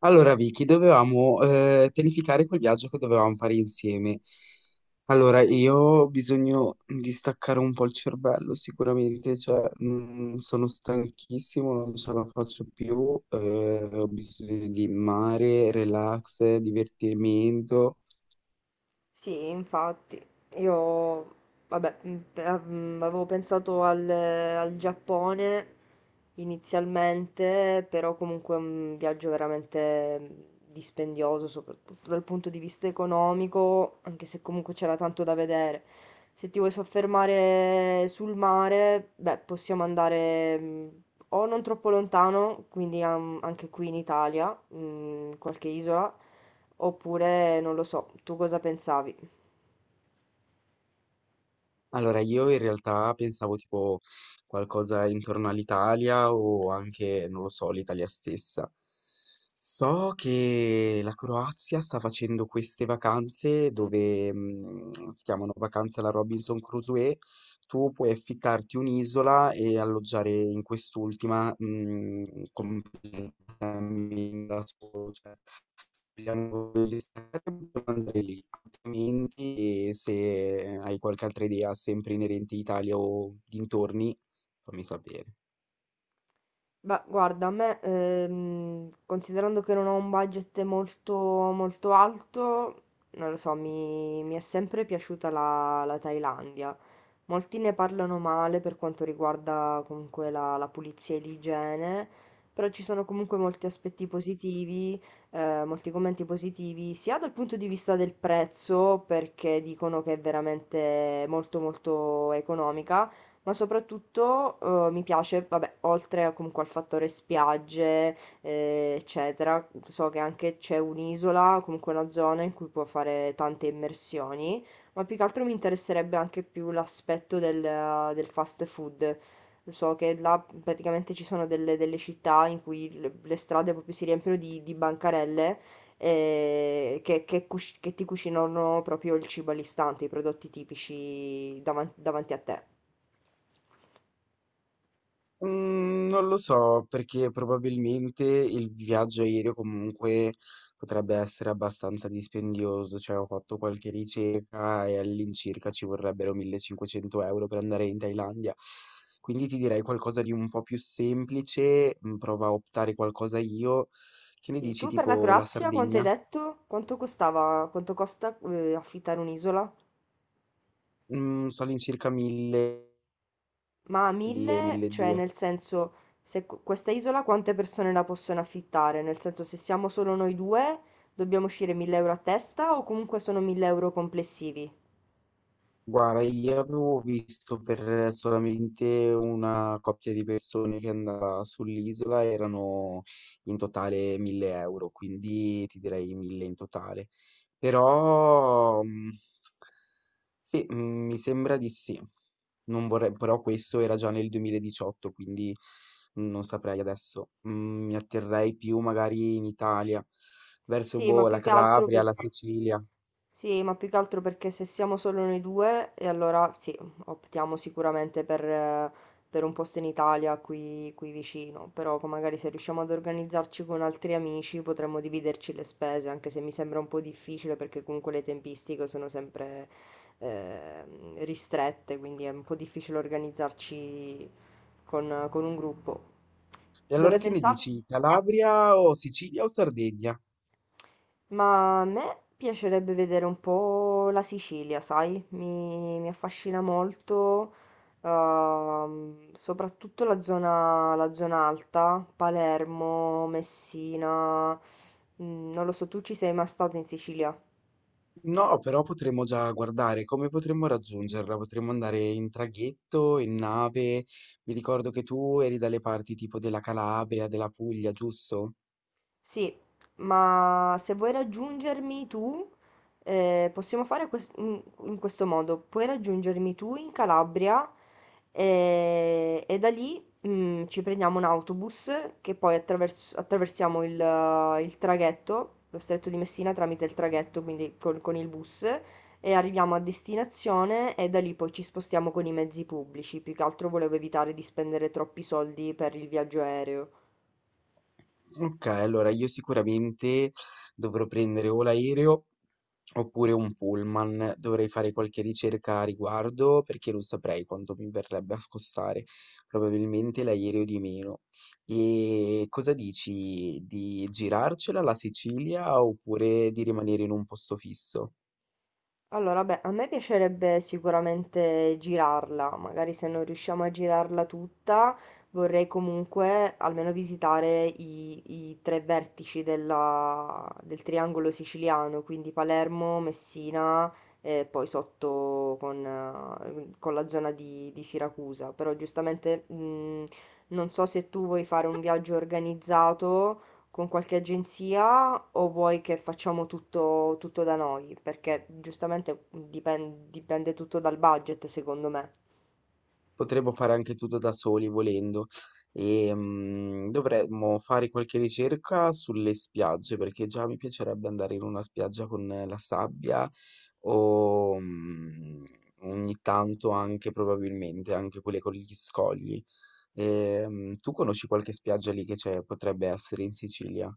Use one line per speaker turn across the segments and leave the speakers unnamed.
Allora, Vicky, dovevamo pianificare quel viaggio che dovevamo fare insieme. Allora, io ho bisogno di staccare un po' il cervello, sicuramente, cioè, sono stanchissimo, non ce la faccio più, ho bisogno di mare, relax, divertimento.
Sì, infatti, io, vabbè, avevo pensato al Giappone inizialmente, però comunque è un viaggio veramente dispendioso, soprattutto dal punto di vista economico, anche se comunque c'era tanto da vedere. Se ti vuoi soffermare sul mare, beh, possiamo andare o non troppo lontano, quindi anche qui in Italia, qualche isola. Oppure non lo so, tu cosa pensavi?
Allora, io in realtà pensavo tipo qualcosa intorno all'Italia o anche, non lo so, l'Italia stessa. So che la Croazia sta facendo queste vacanze dove si chiamano vacanze alla Robinson Crusoe. Tu puoi affittarti un'isola e alloggiare in quest'ultima completamente cammini da solo, cioè spieghiamo gli schermi, andare lì, altrimenti se hai qualche altra idea sempre inerente a Italia o dintorni, fammi sapere.
Beh, guarda, a me, considerando che non ho un budget molto, molto alto, non lo so, mi è sempre piaciuta la Thailandia. Molti ne parlano male per quanto riguarda comunque la pulizia e l'igiene, però ci sono comunque molti aspetti positivi, molti commenti positivi, sia dal punto di vista del prezzo, perché dicono che è veramente molto molto economica, ma soprattutto, mi piace, vabbè, oltre a comunque al fattore spiagge, eccetera, so che anche c'è un'isola, comunque una zona in cui può fare tante immersioni, ma più che altro mi interesserebbe anche più l'aspetto del fast food. So che là praticamente ci sono delle città in cui il le strade proprio si riempiono di bancarelle, che ti cucinano proprio il cibo all'istante, i prodotti tipici davanti a te.
Non lo so, perché probabilmente il viaggio aereo comunque potrebbe essere abbastanza dispendioso, cioè ho fatto qualche ricerca e all'incirca ci vorrebbero 1500 euro per andare in Thailandia. Quindi ti direi qualcosa di un po' più semplice, prova a optare qualcosa io. Che ne
Sì,
dici
tu per la
tipo la
Croazia quanto hai
Sardegna?
detto? Quanto costava, quanto costa affittare un'isola?
Sto all'incirca 1000,
Ma a
1000,
mille, cioè
1200.
nel senso, se questa isola quante persone la possono affittare? Nel senso, se siamo solo noi due, dobbiamo uscire 1000 euro a testa o comunque sono 1000 euro complessivi?
Guarda, io avevo visto per solamente una coppia di persone che andava sull'isola, erano in totale 1000 euro, quindi ti direi 1000 in totale. Però sì, mi sembra di sì. Non vorrei, però questo era già nel 2018, quindi non saprei adesso. Mi atterrei più magari in Italia, verso
Sì, ma
boh, la
più che altro
Calabria,
per
la Sicilia.
Sì, ma più che altro perché se siamo solo noi due, e allora sì, optiamo sicuramente per un posto in Italia qui vicino, però poi magari se riusciamo ad organizzarci con altri amici potremmo dividerci le spese, anche se mi sembra un po' difficile perché comunque le tempistiche sono sempre eh, ristrette, quindi è un po' difficile organizzarci con un gruppo.
E
Dove
allora che ne
pensavi?
dici? Calabria o Sicilia o Sardegna?
Ma a me piacerebbe vedere un po' la Sicilia, sai? Mi affascina molto, soprattutto la zona alta, Palermo, Messina. Non lo so, tu ci sei mai stato in Sicilia?
No, però potremmo già guardare come potremmo raggiungerla. Potremmo andare in traghetto, in nave. Mi ricordo che tu eri dalle parti tipo della Calabria, della Puglia, giusto?
Sì, ma se vuoi raggiungermi tu, possiamo fare in questo modo. Puoi raggiungermi tu in Calabria e da lì ci prendiamo un autobus che poi attraversiamo il traghetto, lo stretto di Messina tramite il traghetto, quindi con il bus, e arriviamo a destinazione e da lì poi ci spostiamo con i mezzi pubblici. Più che altro volevo evitare di spendere troppi soldi per il viaggio aereo.
Ok, allora io sicuramente dovrò prendere o l'aereo oppure un pullman, dovrei fare qualche ricerca a riguardo perché non saprei quanto mi verrebbe a costare, probabilmente l'aereo di meno. E cosa dici di girarcela la Sicilia oppure di rimanere in un posto fisso?
Allora, beh, a me piacerebbe sicuramente girarla, magari se non riusciamo a girarla tutta, vorrei comunque almeno visitare i tre vertici della- del triangolo siciliano, quindi Palermo, Messina e poi sotto con la zona di Siracusa. Però giustamente non so se tu vuoi fare un viaggio organizzato con qualche agenzia o vuoi che facciamo tutto, tutto da noi? Perché giustamente dipende tutto dal budget, secondo me.
Potremmo fare anche tutto da soli volendo. Dovremmo fare qualche ricerca sulle spiagge, perché già mi piacerebbe andare in una spiaggia con la sabbia o ogni tanto anche probabilmente anche quelle con gli scogli. Tu conosci qualche spiaggia lì che c'è, potrebbe essere in Sicilia?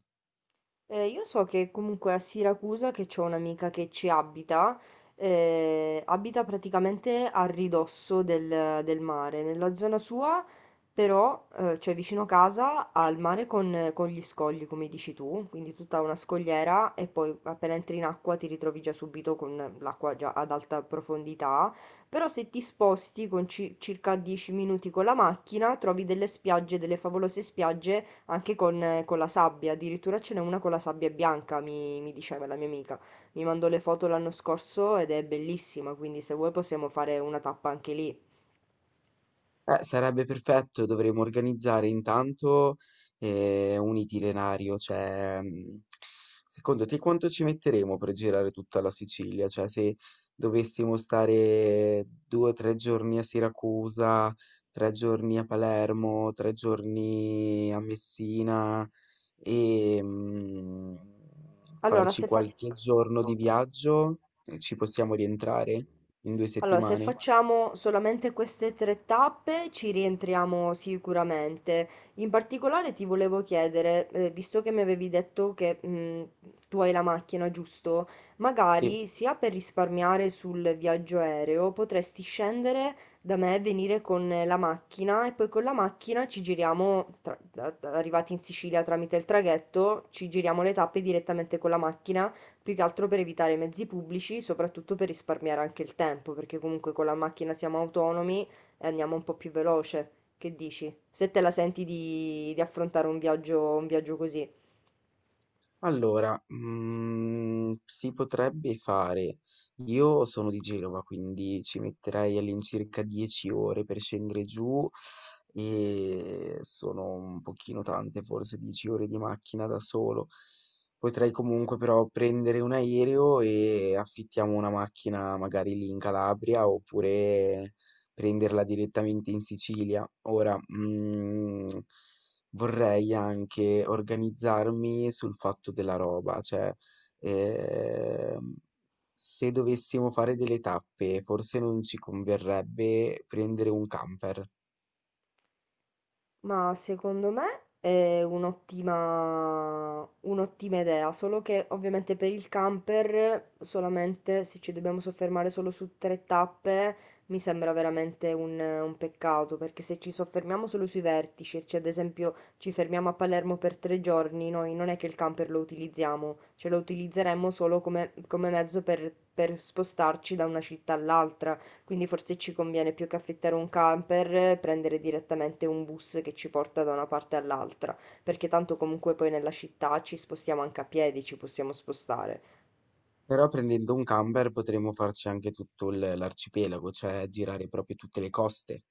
Io so che comunque a Siracusa, che c'ho un'amica che ci abita, abita praticamente a ridosso del mare, nella zona sua, però, cioè vicino casa, al mare con gli scogli, come dici tu, quindi tutta una scogliera e poi appena entri in acqua ti ritrovi già subito con l'acqua già ad alta profondità, però se ti sposti con circa 10 minuti con la macchina, trovi delle spiagge, delle favolose spiagge anche con la sabbia, addirittura ce n'è una con la sabbia bianca, mi diceva la mia amica. Mi mandò le foto l'anno scorso ed è bellissima, quindi se vuoi possiamo fare una tappa anche lì.
Sarebbe perfetto, dovremmo organizzare intanto un itinerario, cioè secondo te quanto ci metteremo per girare tutta la Sicilia? Cioè se dovessimo stare due o tre giorni a Siracusa, tre giorni a Palermo, tre giorni a Messina e
Allora,
farci
se fa-
qualche giorno di viaggio, ci possiamo rientrare in due
Allora, se
settimane?
facciamo solamente queste tre tappe ci rientriamo sicuramente. In particolare ti volevo chiedere, visto che mi avevi detto che tu hai la macchina, giusto?
Sì.
Magari sia per risparmiare sul viaggio aereo, potresti scendere da me, e venire con la macchina e poi con la macchina ci giriamo, arrivati in Sicilia tramite il traghetto, ci giriamo le tappe direttamente con la macchina, più che altro per evitare i mezzi pubblici, soprattutto per risparmiare anche il tempo, perché comunque con la macchina siamo autonomi e andiamo un po' più veloce. Che dici? Se te la senti di affrontare un viaggio così.
Allora, mhmm, si potrebbe fare. Io sono di Genova, quindi ci metterei all'incirca 10 ore per scendere giù e sono un pochino tante, forse 10 ore di macchina da solo. Potrei comunque però prendere un aereo e affittiamo una macchina magari lì in Calabria oppure prenderla direttamente in Sicilia. Ora, mhmm vorrei anche organizzarmi sul fatto della roba, cioè ehm, se dovessimo fare delle tappe, forse non ci converrebbe prendere un camper.
Ma secondo me è un'ottima idea, solo che ovviamente per il camper solamente se ci dobbiamo soffermare solo su tre tappe mi sembra veramente un peccato, perché se ci soffermiamo solo sui vertici, cioè ad esempio ci fermiamo a Palermo per 3 giorni, noi non è che il camper lo utilizziamo, cioè lo utilizzeremmo solo come mezzo per spostarci da una città all'altra, quindi forse ci conviene più che affittare un camper, prendere direttamente un bus che ci porta da una parte all'altra, perché tanto comunque poi nella città ci spostiamo anche a piedi, ci possiamo spostare.
Però prendendo un camper potremmo farci anche tutto l'arcipelago, cioè girare proprio tutte le coste.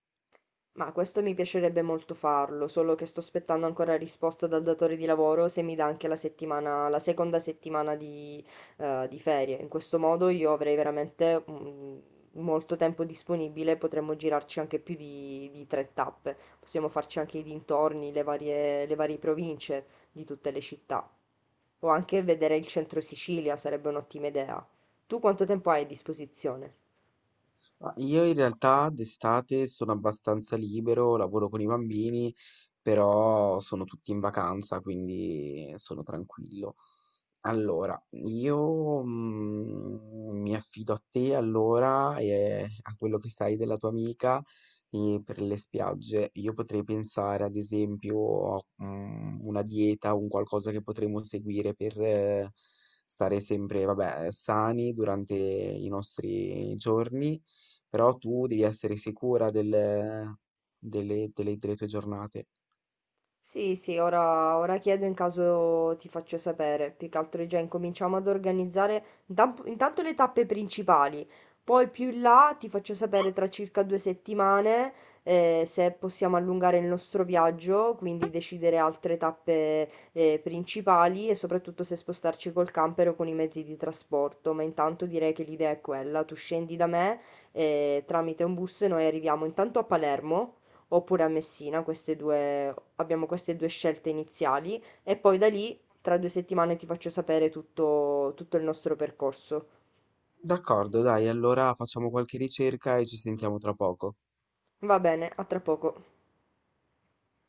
Ma questo mi piacerebbe molto farlo, solo che sto aspettando ancora risposta dal datore di lavoro se mi dà anche la settimana, la seconda settimana di ferie. In questo modo io avrei veramente molto tempo disponibile, potremmo girarci anche più di tre tappe. Possiamo farci anche i dintorni, le varie province di tutte le città. O anche vedere il centro Sicilia sarebbe un'ottima idea. Tu quanto tempo hai a disposizione?
Ma io in realtà d'estate sono abbastanza libero, lavoro con i bambini, però sono tutti in vacanza, quindi sono tranquillo. Allora, io mi affido a te allora e a quello che sai della tua amica e per le spiagge. Io potrei pensare ad esempio a una dieta, un qualcosa che potremmo seguire per stare sempre, vabbè, sani durante i nostri giorni però tu devi essere sicura delle tue giornate.
Sì, sì, ora chiedo in caso ti faccio sapere. Più che altro già incominciamo ad organizzare intanto le tappe principali. Poi più in là ti faccio sapere tra circa 2 settimane se possiamo allungare il nostro viaggio, quindi decidere altre tappe principali e soprattutto se spostarci col camper o con i mezzi di trasporto. Ma intanto direi che l'idea è quella. Tu scendi da me tramite un bus e noi arriviamo intanto a Palermo oppure a Messina, queste due, abbiamo queste due scelte iniziali e poi da lì tra 2 settimane ti faccio sapere tutto, tutto il nostro percorso.
D'accordo, dai, allora facciamo qualche ricerca e ci sentiamo tra poco.
Va bene, a tra poco.